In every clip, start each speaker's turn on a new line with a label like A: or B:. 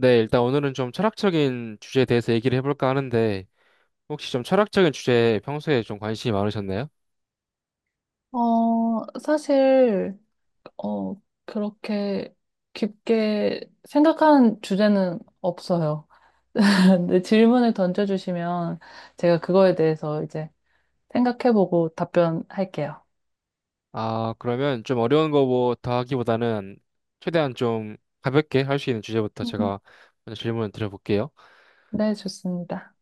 A: 네, 일단 오늘은 좀 철학적인 주제에 대해서 얘기를 해볼까 하는데, 혹시 좀 철학적인 주제에 평소에 좀 관심이 많으셨나요?
B: 사실, 어, 그렇게 깊게 생각한 주제는 없어요. 근데 질문을 던져주시면 제가 그거에 대해서 이제 생각해보고 답변할게요.
A: 아, 그러면 좀 어려운 거부터 하기보다는 최대한 좀 가볍게 할 수 있는 주제부터
B: 음.
A: 제가 먼저 질문을 드려볼게요.
B: 네, 좋습니다.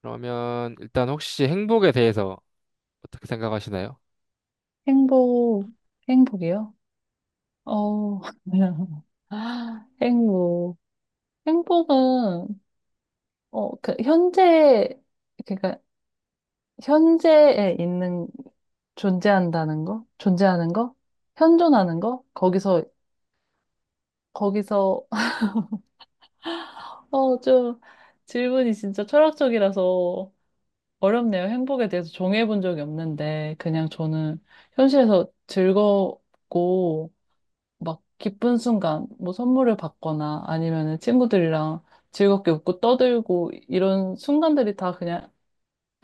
A: 그러면 일단 혹시 행복에 대해서 어떻게 생각하시나요?
B: 행복, 행복이요? 어, 행복. 행복은, 현재, 그러니까, 현재에 있는 존재한다는 거? 존재하는 거? 현존하는 거? 거기서, 좀, 질문이 진짜 철학적이라서 어렵네요. 행복에 대해서 정해본 적이 없는데, 그냥 저는 현실에서 즐겁고, 막 기쁜 순간, 뭐 선물을 받거나 아니면은 친구들이랑 즐겁게 웃고 떠들고, 이런 순간들이 다 그냥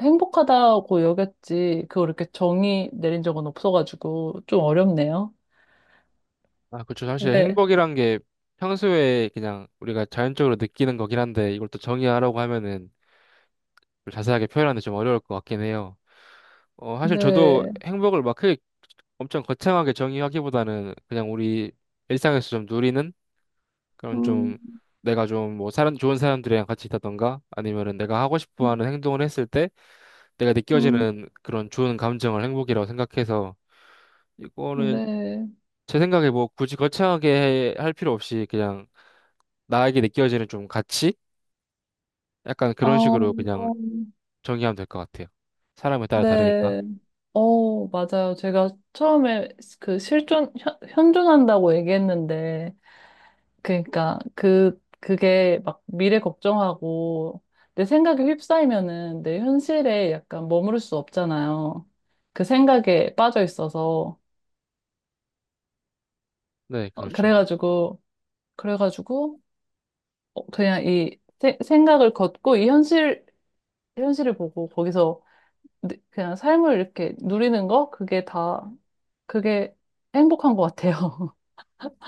B: 행복하다고 여겼지, 그걸 이렇게 정의 내린 적은 없어가지고, 좀 어렵네요.
A: 아, 그렇죠. 사실
B: 네.
A: 행복이란 게 평소에 그냥 우리가 자연적으로 느끼는 거긴 한데, 이걸 또 정의하라고 하면은 좀 자세하게 표현하는 게 좀 어려울 것 같긴 해요. 사실 저도
B: 네.
A: 행복을 막 크게 엄청 거창하게 정의하기보다는, 그냥 우리 일상에서 좀 누리는 그런
B: 음,
A: 좀, 내가 좀 뭐 사람 좋은 사람들이랑 같이 있다던가 아니면은 내가 하고 싶어
B: 음,
A: 하는 행동을 했을 때 내가
B: 음,
A: 느껴지는 그런 좋은 감정을 행복이라고 생각해서, 이거는
B: 네.
A: 제 생각에 뭐 굳이 거창하게 할 필요 없이 그냥 나에게 느껴지는 좀 가치? 약간
B: 아,
A: 그런 식으로 그냥
B: 어,
A: 정의하면 될 것 같아요. 사람에 따라 다르니까.
B: 네. 어, 맞아요. 제가 처음에 그 실존, 현존한다고 얘기했는데, 그러니까 그게 막 미래 걱정하고, 내 생각에 휩싸이면은 내 현실에 약간 머무를 수 없잖아요. 그 생각에 빠져 있어서.
A: 네,
B: 어,
A: 그렇죠.
B: 그래가지고, 그래가지고, 그냥 이 생각을 걷고, 이 현실, 현실을 보고, 거기서 네, 그냥 삶을 이렇게 누리는 거? 그게 다, 그게 행복한 것 같아요.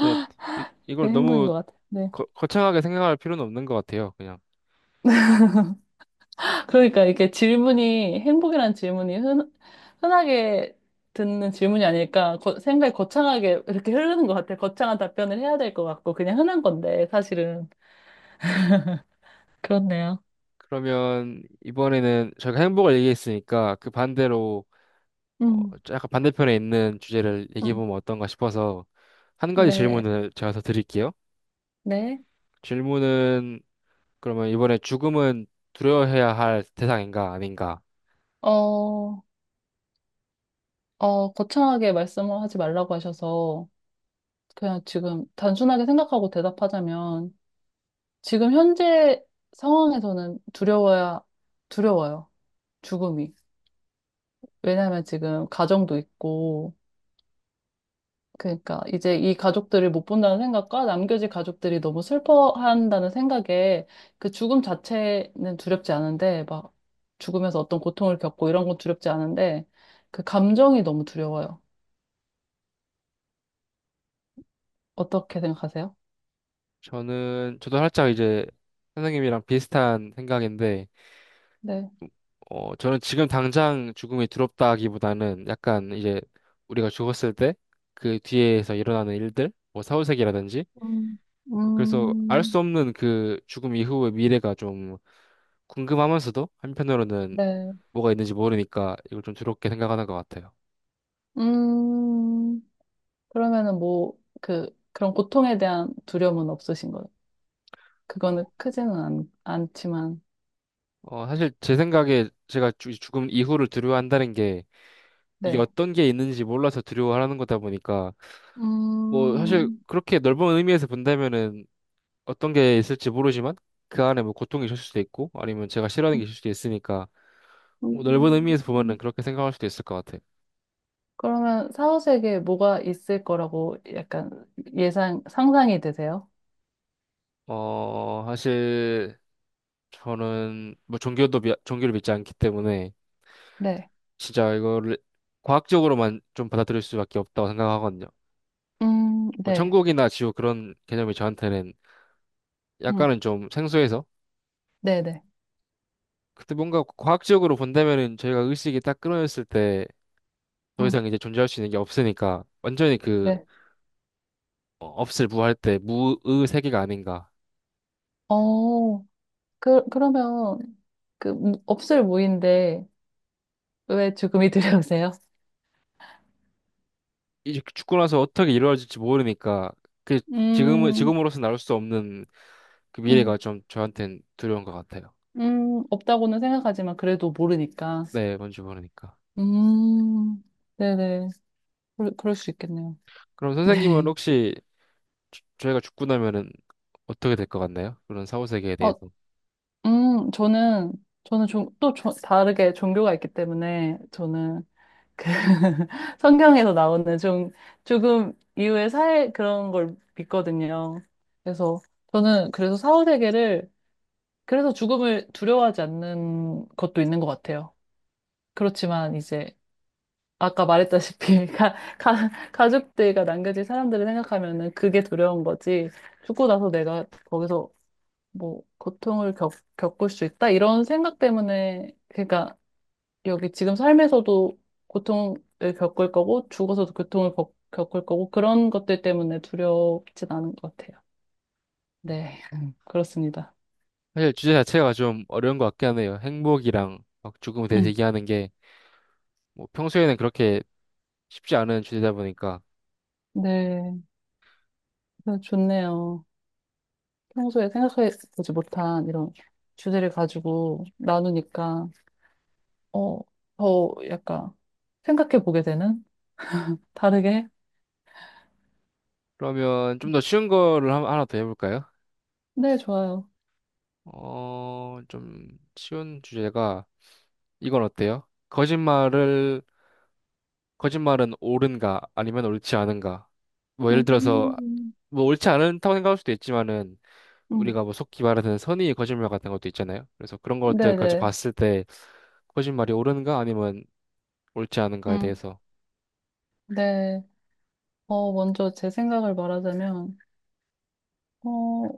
A: 네, 이,
B: 그게
A: 이걸
B: 행복인
A: 너무
B: 것 같아요. 네.
A: 거창하게 생각할 필요는 없는 것 같아요. 그냥.
B: 그러니까 이렇게 질문이, 행복이란 질문이 흔하게 듣는 질문이 아닐까, 생각이 거창하게 이렇게 흐르는 것 같아요. 거창한 답변을 해야 될 것 같고, 그냥 흔한 건데, 사실은. 그렇네요.
A: 그러면 이번에는 저희가 행복을 얘기했으니까 그 반대로,
B: 음,
A: 약간 반대편에 있는 주제를
B: 음.
A: 얘기해보면 어떤가 싶어서 한 가지
B: 네,
A: 질문을 제가 더 드릴게요.
B: 네.
A: 질문은, 그러면 이번에 죽음은 두려워해야 할 대상인가 아닌가?
B: 어, 거창하게 말씀을 하지 말라고 하셔서, 그냥 지금 단순하게 생각하고 대답하자면, 지금 현재 상황에서는 두려워야, 두려워요. 죽음이. 왜냐하면 지금 가정도 있고, 그러니까 이제 이 가족들을 못 본다는 생각과 남겨진 가족들이 너무 슬퍼한다는 생각에 그 죽음 자체는 두렵지 않은데, 막 죽으면서 어떤 고통을 겪고 이런 건 두렵지 않은데, 그 감정이 너무 두려워요. 어떻게 생각하세요?
A: 저는, 저도 살짝 이제 선생님이랑 비슷한 생각인데,
B: 네.
A: 저는 지금 당장 죽음이 두렵다기보다는 약간 이제 우리가 죽었을 때 그 뒤에서 일어나는 일들, 뭐 사후세계라든지,
B: 음,
A: 그래서 알 수
B: 음,
A: 없는 그 죽음 이후의 미래가 좀 궁금하면서도, 한편으로는
B: 네.
A: 뭐가 있는지 모르니까 이걸 좀 두렵게 생각하는 것 같아요.
B: 음. 그러면은 뭐, 그런 고통에 대한 두려움은 없으신 거예요? 그거는
A: 어,
B: 크지는 않지만,
A: 사실 제 생각에 제가 죽음 이후를 두려워한다는 게, 이게
B: 네.
A: 어떤 게 있는지 몰라서 두려워하는 거다 보니까, 뭐 사실
B: 음,
A: 그렇게 넓은 의미에서 본다면은, 어떤 게 있을지 모르지만 그 안에 뭐 고통이 있을 수도 있고 아니면 제가 싫어하는 게 있을 수도 있으니까, 뭐 넓은 의미에서
B: 음.
A: 보면은 그렇게 생각할 수도 있을 것 같아요.
B: 그러면 사후세계에 뭐가 있을 거라고 약간 예상, 상상이 되세요?
A: 사실 저는 뭐 종교도, 종교를 믿지 않기 때문에
B: 네.
A: 진짜 이거를 과학적으로만 좀 받아들일 수밖에 없다고 생각하거든요. 뭐
B: 네.
A: 천국이나 지옥 그런 개념이 저한테는
B: 음,
A: 약간은 좀 생소해서,
B: 네네.
A: 그때 뭔가 과학적으로 본다면은, 저희가 의식이 딱 끊어졌을 때 더
B: 음,
A: 이상 이제 존재할 수 있는 게 없으니까, 완전히 그,
B: 네.
A: 없을 무할 때 무의 세계가 아닌가.
B: 어, 그러면, 없을 무인데, 왜 죽음이 두려우세요?
A: 이제 죽고 나서 어떻게 이루어질지 모르니까, 그 지금은
B: 음,
A: 지금으로서 나올 수 없는 그 미래가
B: 음,
A: 좀 저한테는 두려운 것 같아요.
B: 없다고는 생각하지만 그래도 모르니까.
A: 네, 뭔지 모르니까.
B: 음, 네네. 그럴 수 있겠네요.
A: 그럼 선생님은
B: 네.
A: 혹시, 저희가 죽고 나면은 어떻게 될 것 같나요? 그런 사후 세계에
B: 어,
A: 대해서.
B: 음, 저는, 저는 좀, 다르게 종교가 있기 때문에, 저는, 그, 성경에서 나오는 좀, 조금 이후의 사회 그런 걸 믿거든요. 그래서, 저는 그래서 사후세계를, 그래서 죽음을 두려워하지 않는 것도 있는 것 같아요. 그렇지만, 이제, 아까 말했다시피 가족들과 남겨진 사람들을 생각하면은 그게 두려운 거지. 죽고 나서 내가 거기서 뭐 고통을 겪, 겪을 수 있다 이런 생각 때문에 그러니까 여기 지금 삶에서도 고통을 겪을 거고 죽어서도 고통을 겪을 거고 그런 것들 때문에 두렵진 않은 것 같아요. 네, 그렇습니다.
A: 사실 주제 자체가 좀 어려운 것 같긴 하네요. 행복이랑 막 죽음에 대해서
B: 음,
A: 얘기하는 게, 뭐 평소에는 그렇게 쉽지 않은 주제다 보니까.
B: 네, 그래서 좋네요. 평소에 생각해 보지 못한 이런 주제를 가지고 나누니까. 어, 더 약간 생각해 보게 되는? 다르게?
A: 그러면 좀 더 쉬운 거를 하나 더 해볼까요?
B: 네, 좋아요.
A: 좀 쉬운 주제가, 이건 어때요? 거짓말을 거짓말은 옳은가 아니면 옳지 않은가? 뭐 예를 들어서,
B: 음,
A: 뭐 옳지 않다고 생각할 수도 있지만은,
B: 음,
A: 우리가 뭐 속기 말하는 선의의 거짓말 같은 것도 있잖아요. 그래서 그런 것들까지
B: 네네.
A: 봤을 때 거짓말이 옳은가 아니면 옳지 않은가에
B: 음,
A: 대해서.
B: 네. 어, 먼저 제 생각을 말하자면, 어,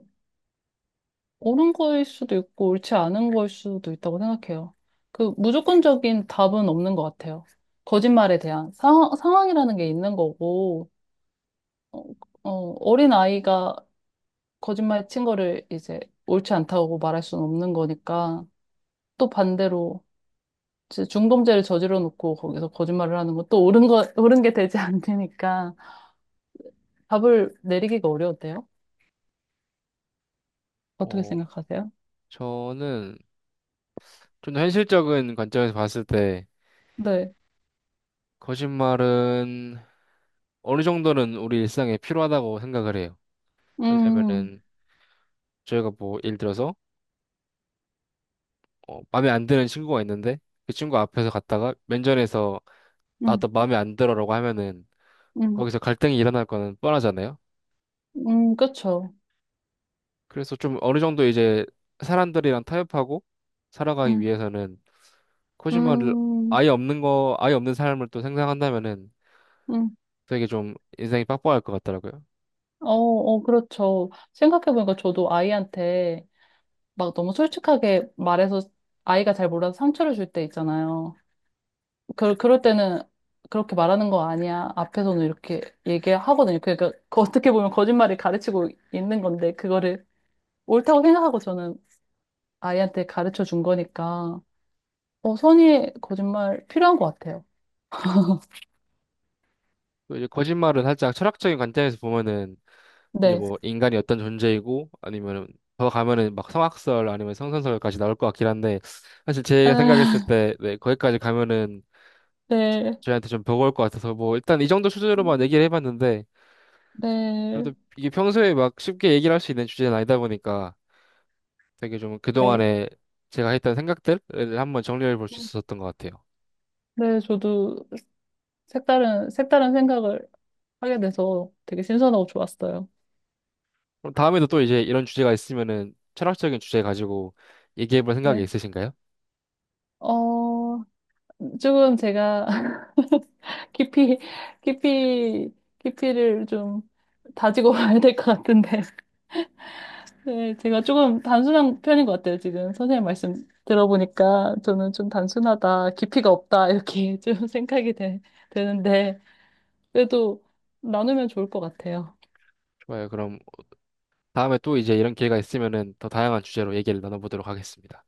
B: 옳은 거일 수도 있고, 옳지 않은 거일 수도 있다고 생각해요. 그, 무조건적인 답은 없는 것 같아요. 거짓말에 대한 상황, 상황이라는 게 있는 거고, 어, 어, 어린 아이가 거짓말 친 거를 이제 옳지 않다고 말할 수는 없는 거니까, 또 반대로, 중범죄를 저질러 놓고 거기서 거짓말을 하는 것도 옳은 거, 옳은 게 되지 않으니까 답을 내리기가 어려운데요? 어떻게
A: 어
B: 생각하세요?
A: 저는 좀 더 현실적인 관점에서 봤을 때
B: 네.
A: 거짓말은 어느 정도는 우리 일상에 필요하다고 생각을 해요.
B: 음,
A: 왜냐면은 저희가 뭐 예를 들어서, 마음에 안 드는 친구가 있는데 그 친구 앞에서 갔다가 면전에서
B: 음,
A: 나도 마음에 안 들어라고 하면은
B: 음,
A: 거기서 갈등이 일어날 거는 뻔하잖아요.
B: 그쵸.
A: 그래서 좀 어느 정도 이제 사람들이랑 타협하고 살아가기
B: 음,
A: 위해서는, 코지마를
B: 음,
A: 아예 없는 거, 아예 없는 사람을 또 생각한다면은
B: 음.
A: 되게 좀 인생이 빡빡할 것 같더라고요.
B: 그렇죠. 생각해보니까 저도 아이한테 막 너무 솔직하게 말해서 아이가 잘 몰라서 상처를 줄 때 있잖아요. 그럴 때는 그렇게 말하는 거 아니야. 앞에서는 이렇게 얘기하거든요. 그러니까 그 어떻게 보면 거짓말이 가르치고 있는 건데 그거를 옳다고 생각하고 저는 아이한테 가르쳐 준 거니까 어, 선의의 거짓말 필요한 것 같아요.
A: 또 이제 거짓말은 살짝 철학적인 관점에서 보면은, 이제
B: 네.
A: 뭐 인간이 어떤 존재이고 아니면은, 더 가면은 막 성악설 아니면 성선설까지 나올 것 같긴 한데, 사실 제가 생각했을
B: 아,
A: 때 네, 거기까지 가면은
B: 네.
A: 저희한테 좀 버거울 것 같아서 뭐 일단 이 정도 수준으로만 얘기를 해봤는데,
B: 네.
A: 그래도 이게 평소에 막 쉽게 얘기를 할 수 있는 주제는 아니다 보니까, 되게 좀
B: 네.
A: 그동안에 제가 했던 생각들을 한번 정리해 볼 수 있었던 것 같아요.
B: 네, 저도 색다른, 색다른 생각을 하게 돼서 되게 신선하고 좋았어요.
A: 그럼 다음에도 또 이제 이런 주제가 있으면은, 철학적인 주제 가지고 얘기해 볼 생각이
B: 네.
A: 있으신가요?
B: 어, 지금 제가 깊이, 깊이, 깊이를 좀 다지고 봐야 될 것 같은데. 네, 제가 조금 단순한 편인 것 같아요, 지금. 선생님 말씀 들어보니까 저는 좀 단순하다, 깊이가 없다, 이렇게 좀 생각이 되는데, 그래도 나누면 좋을 것 같아요.
A: 좋아요. 그럼 다음에 또 이제 이런 기회가 있으면은 더 다양한 주제로 얘기를 나눠보도록 하겠습니다.